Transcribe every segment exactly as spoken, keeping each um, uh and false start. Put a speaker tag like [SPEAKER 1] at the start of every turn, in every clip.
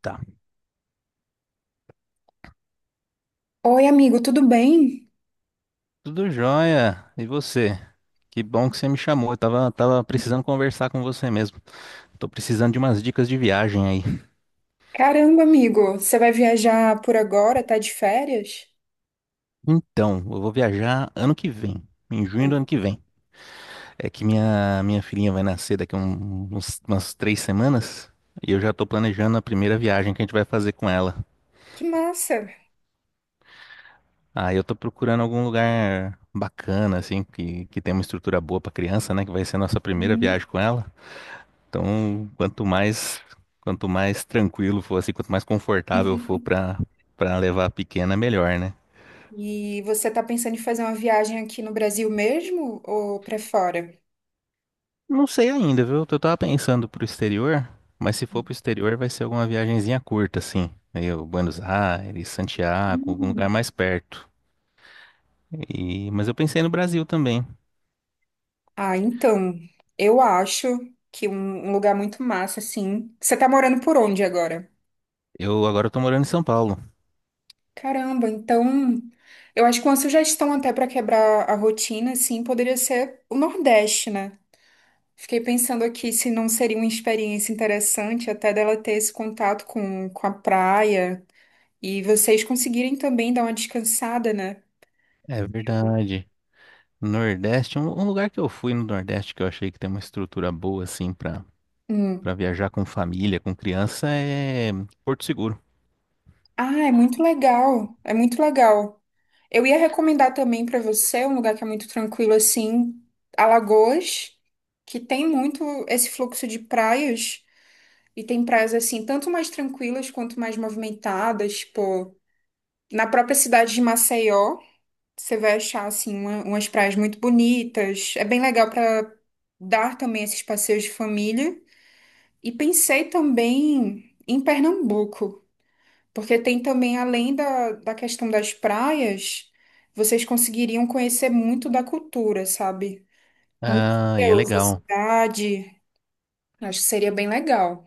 [SPEAKER 1] Tá,
[SPEAKER 2] Oi, amigo, tudo bem?
[SPEAKER 1] tudo jóia. E você? Que bom que você me chamou. Eu tava, tava precisando conversar com você mesmo. Tô precisando de umas dicas de viagem aí.
[SPEAKER 2] Caramba, amigo, você vai viajar por agora? Tá de férias?
[SPEAKER 1] Então, eu vou viajar ano que vem, em junho
[SPEAKER 2] Hum.
[SPEAKER 1] do ano que vem. É que minha, minha filhinha vai nascer daqui a um- uns, umas três semanas e eu já tô planejando a primeira viagem que a gente vai fazer com ela.
[SPEAKER 2] Que massa!
[SPEAKER 1] Aí eu tô procurando algum lugar bacana, assim, que, que tem uma estrutura boa pra criança, né? Que vai ser a nossa primeira
[SPEAKER 2] Uhum.
[SPEAKER 1] viagem com ela. Então, quanto mais, quanto mais tranquilo for, assim, quanto mais confortável for para para levar a pequena, melhor, né?
[SPEAKER 2] E você tá pensando em fazer uma viagem aqui no Brasil mesmo ou pra fora?
[SPEAKER 1] Não sei ainda, viu? Eu tava pensando pro exterior, mas se for pro exterior vai ser alguma viagenzinha curta, assim. Aí, o Buenos Aires, Santiago, algum
[SPEAKER 2] Hum.
[SPEAKER 1] lugar mais perto. E, mas eu pensei no Brasil também.
[SPEAKER 2] Ah, então, eu acho que um um lugar muito massa, assim. Você tá morando por onde agora?
[SPEAKER 1] Eu agora tô morando em São Paulo.
[SPEAKER 2] Caramba, então, eu acho que uma sugestão até pra quebrar a rotina, assim, poderia ser o Nordeste, né? Fiquei pensando aqui se não seria uma experiência interessante até dela ter esse contato com, com a praia e vocês conseguirem também dar uma descansada, né?
[SPEAKER 1] É
[SPEAKER 2] Eu-
[SPEAKER 1] verdade. Nordeste, um, um lugar que eu fui no Nordeste que eu achei que tem uma estrutura boa, assim, pra, pra
[SPEAKER 2] Hum.
[SPEAKER 1] viajar com família, com criança, é Porto Seguro.
[SPEAKER 2] Ah, é muito legal. É muito legal. Eu ia recomendar também para você um lugar que é muito tranquilo assim, Alagoas, que tem muito esse fluxo de praias e tem praias assim, tanto mais tranquilas quanto mais movimentadas, tipo, na própria cidade de Maceió. Você vai achar assim uma- umas praias muito bonitas. É bem legal para dar também esses passeios de família. E pensei também em Pernambuco, porque tem também, além da, da questão das praias, vocês conseguiriam conhecer muito da cultura, sabe?
[SPEAKER 1] Ah, e é
[SPEAKER 2] Museus, a
[SPEAKER 1] legal.
[SPEAKER 2] cidade. Acho que seria bem legal.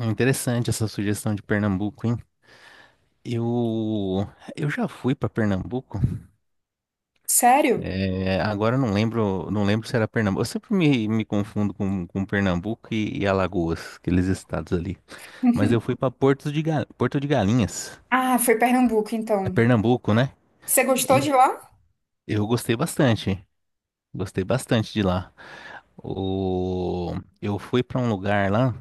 [SPEAKER 1] É interessante essa sugestão de Pernambuco, hein? Eu, eu já fui para Pernambuco.
[SPEAKER 2] Sério?
[SPEAKER 1] É, agora eu não lembro, não lembro se era Pernambuco. Eu sempre me, me confundo com, com Pernambuco e, e Alagoas, aqueles estados ali. Mas eu fui para Porto de, Ga- Porto de Galinhas,
[SPEAKER 2] Ah, foi Pernambuco,
[SPEAKER 1] é
[SPEAKER 2] então.
[SPEAKER 1] Pernambuco, né?
[SPEAKER 2] Você gostou
[SPEAKER 1] E
[SPEAKER 2] de lá?
[SPEAKER 1] eu gostei bastante. Gostei bastante de lá. O, eu fui para um lugar lá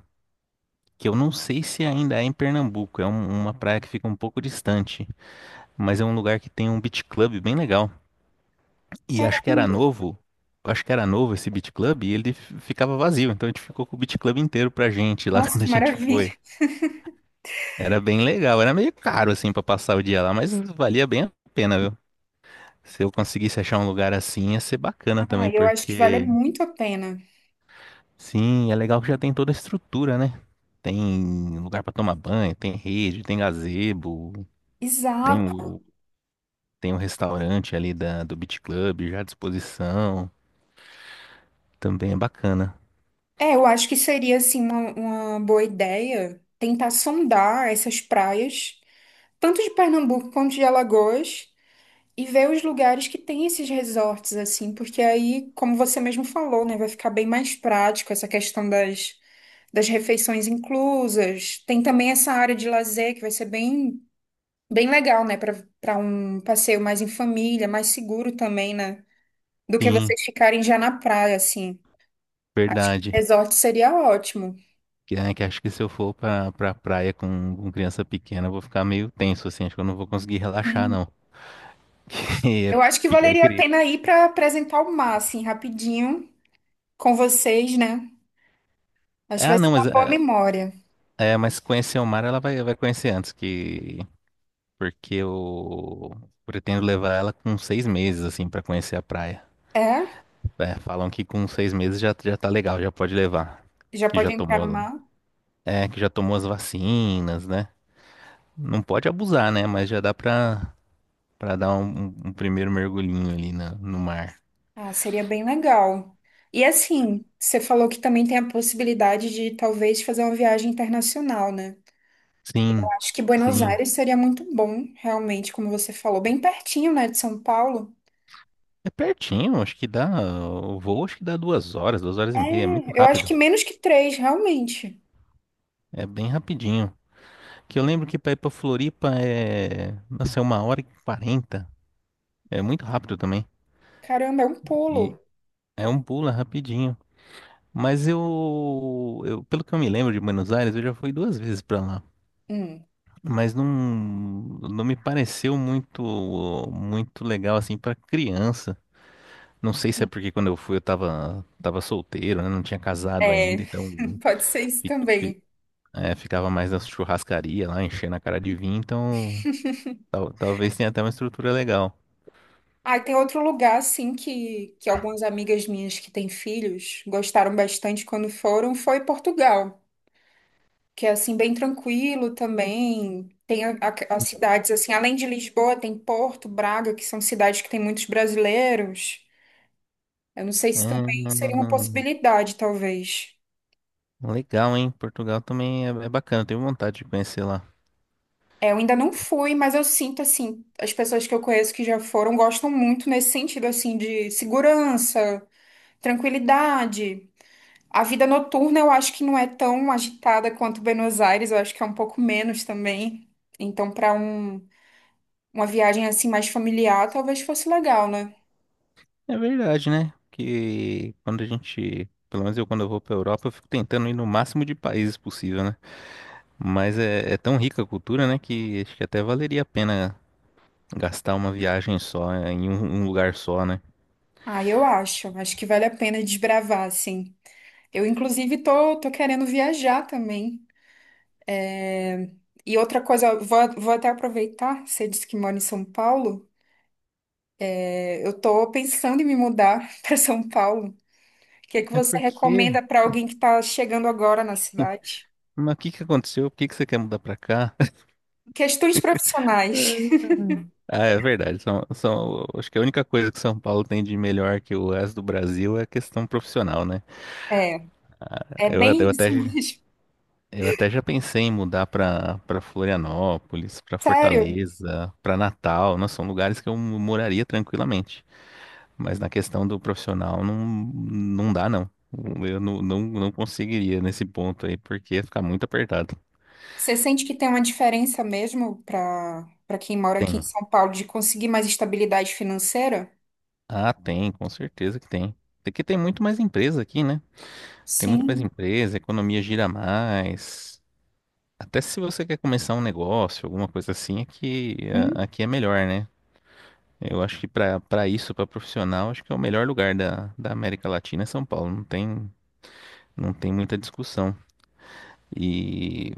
[SPEAKER 1] que eu não sei se ainda é em Pernambuco. É um- uma praia que fica um pouco distante. Mas é um lugar que tem um beat club bem legal. E acho que era
[SPEAKER 2] Caramba,
[SPEAKER 1] novo, acho que era novo esse beat club, e ele f- ficava vazio, então a gente ficou com o beat club inteiro pra gente lá
[SPEAKER 2] nossa,
[SPEAKER 1] quando a
[SPEAKER 2] que
[SPEAKER 1] gente
[SPEAKER 2] maravilha.
[SPEAKER 1] foi. Era bem legal, era meio caro assim pra passar o dia lá, mas valia bem a pena, viu? Se eu conseguisse achar um lugar assim, ia ser bacana
[SPEAKER 2] Ah,
[SPEAKER 1] também,
[SPEAKER 2] eu acho que vale
[SPEAKER 1] porque
[SPEAKER 2] muito a pena.
[SPEAKER 1] sim, é legal que já tem toda a estrutura, né? Tem lugar pra tomar banho, tem rede, tem gazebo, tem
[SPEAKER 2] Exato.
[SPEAKER 1] o, tem o restaurante ali da, do Beach Club já à disposição. Também é bacana.
[SPEAKER 2] É, eu acho que seria assim uma, uma boa ideia tentar sondar essas praias, tanto de Pernambuco quanto de Alagoas, e ver os lugares que tem esses resorts assim, porque aí, como você mesmo falou, né, vai ficar bem mais prático essa questão das, das, refeições inclusas. Tem também essa área de lazer que vai ser bem bem legal, né, para para um passeio mais em família, mais seguro também, né, do que
[SPEAKER 1] Sim,
[SPEAKER 2] vocês ficarem já na praia assim. Acho que o
[SPEAKER 1] verdade.
[SPEAKER 2] resort seria ótimo.
[SPEAKER 1] Que, é, que acho que se eu for pra, pra praia com, com criança pequena, eu vou ficar meio tenso, assim. Acho que eu não vou conseguir relaxar, não. Que é,
[SPEAKER 2] Eu acho que
[SPEAKER 1] pequ- é
[SPEAKER 2] valeria a
[SPEAKER 1] querer.
[SPEAKER 2] pena ir para apresentar o mar, assim, rapidinho, com vocês, né? Acho que
[SPEAKER 1] Ah,
[SPEAKER 2] vai ser
[SPEAKER 1] não,
[SPEAKER 2] uma
[SPEAKER 1] mas,
[SPEAKER 2] boa
[SPEAKER 1] é,
[SPEAKER 2] memória.
[SPEAKER 1] é, mas conhecer o mar ela vai, vai conhecer antes que. Porque eu pretendo levar ela com seis meses, assim, pra conhecer a praia.
[SPEAKER 2] É?
[SPEAKER 1] É, falam que com seis meses já, já tá legal, já pode levar.
[SPEAKER 2] Já
[SPEAKER 1] Que
[SPEAKER 2] pode
[SPEAKER 1] já
[SPEAKER 2] entrar no
[SPEAKER 1] tomou.
[SPEAKER 2] mar?
[SPEAKER 1] É, que já tomou as vacinas, né? Não pode abusar, né? Mas já dá pra Pra dar um, um- um primeiro mergulhinho ali na, no mar.
[SPEAKER 2] Ah, seria bem legal. E assim, você falou que também tem a possibilidade de talvez fazer uma viagem internacional, né? Eu
[SPEAKER 1] Sim,
[SPEAKER 2] acho que Buenos
[SPEAKER 1] sim.
[SPEAKER 2] Aires seria muito bom, realmente, como você falou, bem pertinho, né, de São Paulo.
[SPEAKER 1] É pertinho, acho que dá. O voo acho que dá duas horas, duas horas e meia. É muito
[SPEAKER 2] É, eu acho
[SPEAKER 1] rápido.
[SPEAKER 2] que menos que três, realmente.
[SPEAKER 1] É bem rapidinho. Que eu lembro que pra ir pra Floripa é. Nossa, é uma hora e quarenta. É muito rápido também.
[SPEAKER 2] Caramba, é um
[SPEAKER 1] E
[SPEAKER 2] pulo.
[SPEAKER 1] é um pulo é rapidinho. Mas eu, eu. Pelo que eu me lembro de Buenos Aires, eu já fui duas vezes pra lá.
[SPEAKER 2] Hum,
[SPEAKER 1] Mas não, não me pareceu muito, muito legal assim pra criança. Não sei se é porque quando eu fui eu tava, tava solteiro, né? Não tinha casado ainda,
[SPEAKER 2] é,
[SPEAKER 1] então
[SPEAKER 2] pode ser isso
[SPEAKER 1] fi- fi-
[SPEAKER 2] também.
[SPEAKER 1] é, ficava mais na churrascaria lá, enchendo a cara de vinho, então tal- talvez tenha até uma estrutura legal.
[SPEAKER 2] Ah, e tem outro lugar, assim, que, que algumas amigas minhas que têm filhos gostaram bastante quando foram, foi Portugal, que é, assim, bem tranquilo também. Tem a- a- as cidades, assim, além de Lisboa, tem Porto, Braga, que são cidades que têm muitos brasileiros. Eu não sei se
[SPEAKER 1] Hum,
[SPEAKER 2] também seria uma possibilidade, talvez.
[SPEAKER 1] Legal, hein? Portugal também é, é bacana, tenho vontade de conhecer lá.
[SPEAKER 2] É, eu ainda não fui, mas eu sinto, assim, as pessoas que eu conheço que já foram gostam muito nesse sentido, assim, de segurança, tranquilidade. A vida noturna eu acho que não é tão agitada quanto Buenos Aires, eu acho que é um pouco menos também. Então, para um, uma viagem assim mais familiar, talvez fosse legal, né?
[SPEAKER 1] É verdade, né? Que quando a gente, pelo menos eu quando eu vou pra Europa, eu fico tentando ir no máximo de países possível, né? Mas é, é tão rica a cultura, né? Que acho que até valeria a pena gastar uma viagem só, é, em um, um lugar só, né?
[SPEAKER 2] Ah, eu acho. Acho que vale a pena desbravar, assim. Eu, inclusive, tô, tô querendo viajar também. É, e outra coisa, eu vou, vou até aproveitar, você disse que mora em São Paulo. É, eu tô pensando em me mudar para São Paulo. O que é que
[SPEAKER 1] É
[SPEAKER 2] você
[SPEAKER 1] porque.
[SPEAKER 2] recomenda para alguém que está chegando agora na cidade?
[SPEAKER 1] Mas o que que aconteceu? Por que que você quer mudar pra cá?
[SPEAKER 2] Questões profissionais.
[SPEAKER 1] Ah, é verdade. São, são, acho que a única coisa que São Paulo tem de melhor que o resto do Brasil é a questão profissional, né?
[SPEAKER 2] É. É
[SPEAKER 1] Eu, eu
[SPEAKER 2] bem
[SPEAKER 1] até,
[SPEAKER 2] isso
[SPEAKER 1] já-
[SPEAKER 2] mesmo.
[SPEAKER 1] eu até já pensei em mudar para para Florianópolis, para
[SPEAKER 2] Sério,
[SPEAKER 1] Fortaleza, para Natal. Nossa, são lugares que eu moraria tranquilamente. Mas na questão do profissional, não, não dá, não. Eu não, não, não conseguiria nesse ponto aí, porque ia ficar muito apertado.
[SPEAKER 2] você sente que tem uma diferença mesmo para para quem mora aqui em
[SPEAKER 1] Tem.
[SPEAKER 2] São Paulo de conseguir mais estabilidade financeira?
[SPEAKER 1] Ah, tem, com certeza que tem. Porque tem muito mais empresa aqui, né? Tem muito mais
[SPEAKER 2] Sim.
[SPEAKER 1] empresa, a economia gira mais. Até se você quer começar um negócio, alguma coisa assim, aqui, a-
[SPEAKER 2] Hum.
[SPEAKER 1] aqui é melhor, né? Eu acho que para para isso, para profissional, acho que é o melhor lugar da, da América Latina é São Paulo. Não tem, não tem muita discussão. E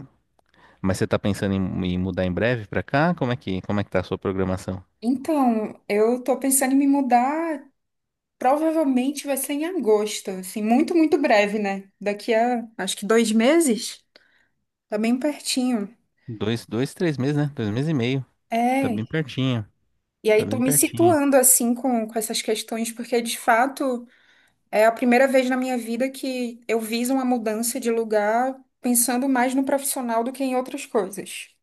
[SPEAKER 1] mas você tá pensando em, em mudar em breve para cá? Como é que como é que tá a sua programação?
[SPEAKER 2] Então, eu tô pensando em me mudar, provavelmente vai ser em agosto, assim, muito, muito breve, né? Daqui a acho que dois meses, tá bem pertinho.
[SPEAKER 1] Dois, dois, três meses, né? Dois meses e meio. Tá
[SPEAKER 2] É.
[SPEAKER 1] bem pertinho.
[SPEAKER 2] E
[SPEAKER 1] Tá
[SPEAKER 2] aí tô
[SPEAKER 1] bem
[SPEAKER 2] me
[SPEAKER 1] pertinho.
[SPEAKER 2] situando assim com, com essas questões, porque de fato. É a primeira vez na minha vida que eu viso uma mudança de lugar pensando mais no profissional do que em outras coisas.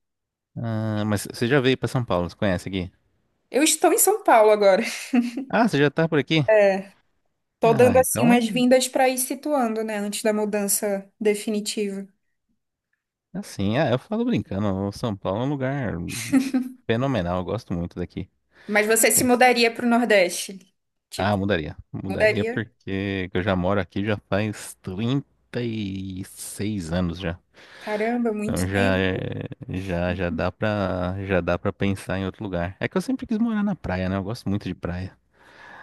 [SPEAKER 1] Ah, mas você já veio pra São Paulo, você conhece aqui?
[SPEAKER 2] Eu estou em São Paulo agora.
[SPEAKER 1] Ah, você já tá por aqui?
[SPEAKER 2] Tô dando
[SPEAKER 1] Ah,
[SPEAKER 2] assim umas
[SPEAKER 1] então,
[SPEAKER 2] vindas para ir situando, né, antes da mudança definitiva.
[SPEAKER 1] assim, ah, eu falo brincando, o São Paulo é um lugar fenomenal, eu gosto muito daqui.
[SPEAKER 2] Mas você se
[SPEAKER 1] Tem...
[SPEAKER 2] mudaria para o Nordeste? Tipo,
[SPEAKER 1] Ah, mudaria. Mudaria
[SPEAKER 2] mudaria?
[SPEAKER 1] porque eu já moro aqui já faz trinta e seis anos já.
[SPEAKER 2] Caramba, muito
[SPEAKER 1] Então já
[SPEAKER 2] tempo.
[SPEAKER 1] é- já já dá pra já dá para pensar em outro lugar. É que eu sempre quis morar na praia, né? Eu gosto muito de praia.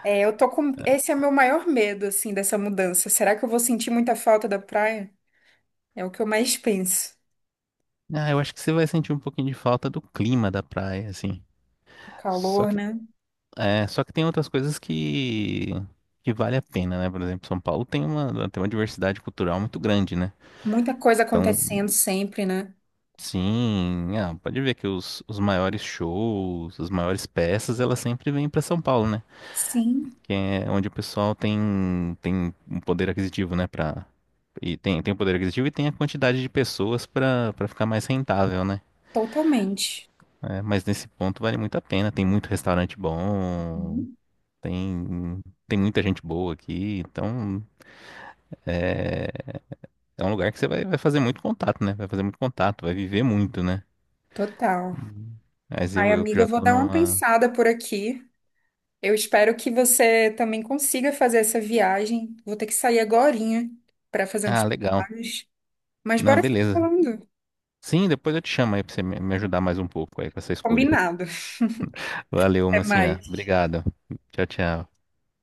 [SPEAKER 2] É, eu tô com esse é meu maior medo assim dessa mudança. Será que eu vou sentir muita falta da praia? É o que eu mais penso.
[SPEAKER 1] Ah, eu acho que você vai sentir um pouquinho de falta do clima da praia, assim.
[SPEAKER 2] O
[SPEAKER 1] Só
[SPEAKER 2] calor, né?
[SPEAKER 1] É, só que tem outras coisas que, que vale a pena, né? Por exemplo, São Paulo tem uma, tem uma diversidade cultural muito grande, né?
[SPEAKER 2] Muita coisa
[SPEAKER 1] Então,
[SPEAKER 2] acontecendo sempre, né?
[SPEAKER 1] sim, ah, pode ver que os, os maiores shows, as maiores peças, elas sempre vêm para São Paulo, né?
[SPEAKER 2] Sim.
[SPEAKER 1] Que é onde o pessoal tem, tem um poder aquisitivo, né? Pra, e tem, tem, o poder aquisitivo e tem a quantidade de pessoas para para ficar mais rentável, né?
[SPEAKER 2] Totalmente.
[SPEAKER 1] É, mas nesse ponto vale muito a pena, tem muito restaurante bom,
[SPEAKER 2] Uhum.
[SPEAKER 1] tem, tem muita gente boa aqui, então. É, é um lugar que você vai, vai fazer muito contato, né? Vai fazer muito contato, vai viver muito, né?
[SPEAKER 2] Total.
[SPEAKER 1] Uhum. Mas
[SPEAKER 2] Ai,
[SPEAKER 1] eu, eu que
[SPEAKER 2] amiga, eu
[SPEAKER 1] já
[SPEAKER 2] vou
[SPEAKER 1] tô
[SPEAKER 2] dar uma
[SPEAKER 1] numa.
[SPEAKER 2] pensada por aqui. Eu espero que você também consiga fazer essa viagem. Vou ter que sair agorinha para fazer uns
[SPEAKER 1] Ah, legal.
[SPEAKER 2] trabalhos. Mas
[SPEAKER 1] Não,
[SPEAKER 2] bora se
[SPEAKER 1] beleza.
[SPEAKER 2] falando.
[SPEAKER 1] Sim, depois eu te chamo aí pra você me me ajudar mais um pouco aí com essa escolha.
[SPEAKER 2] Combinado.
[SPEAKER 1] Valeu,
[SPEAKER 2] Até
[SPEAKER 1] mocinha.
[SPEAKER 2] mais.
[SPEAKER 1] Obrigado. Tchau, tchau.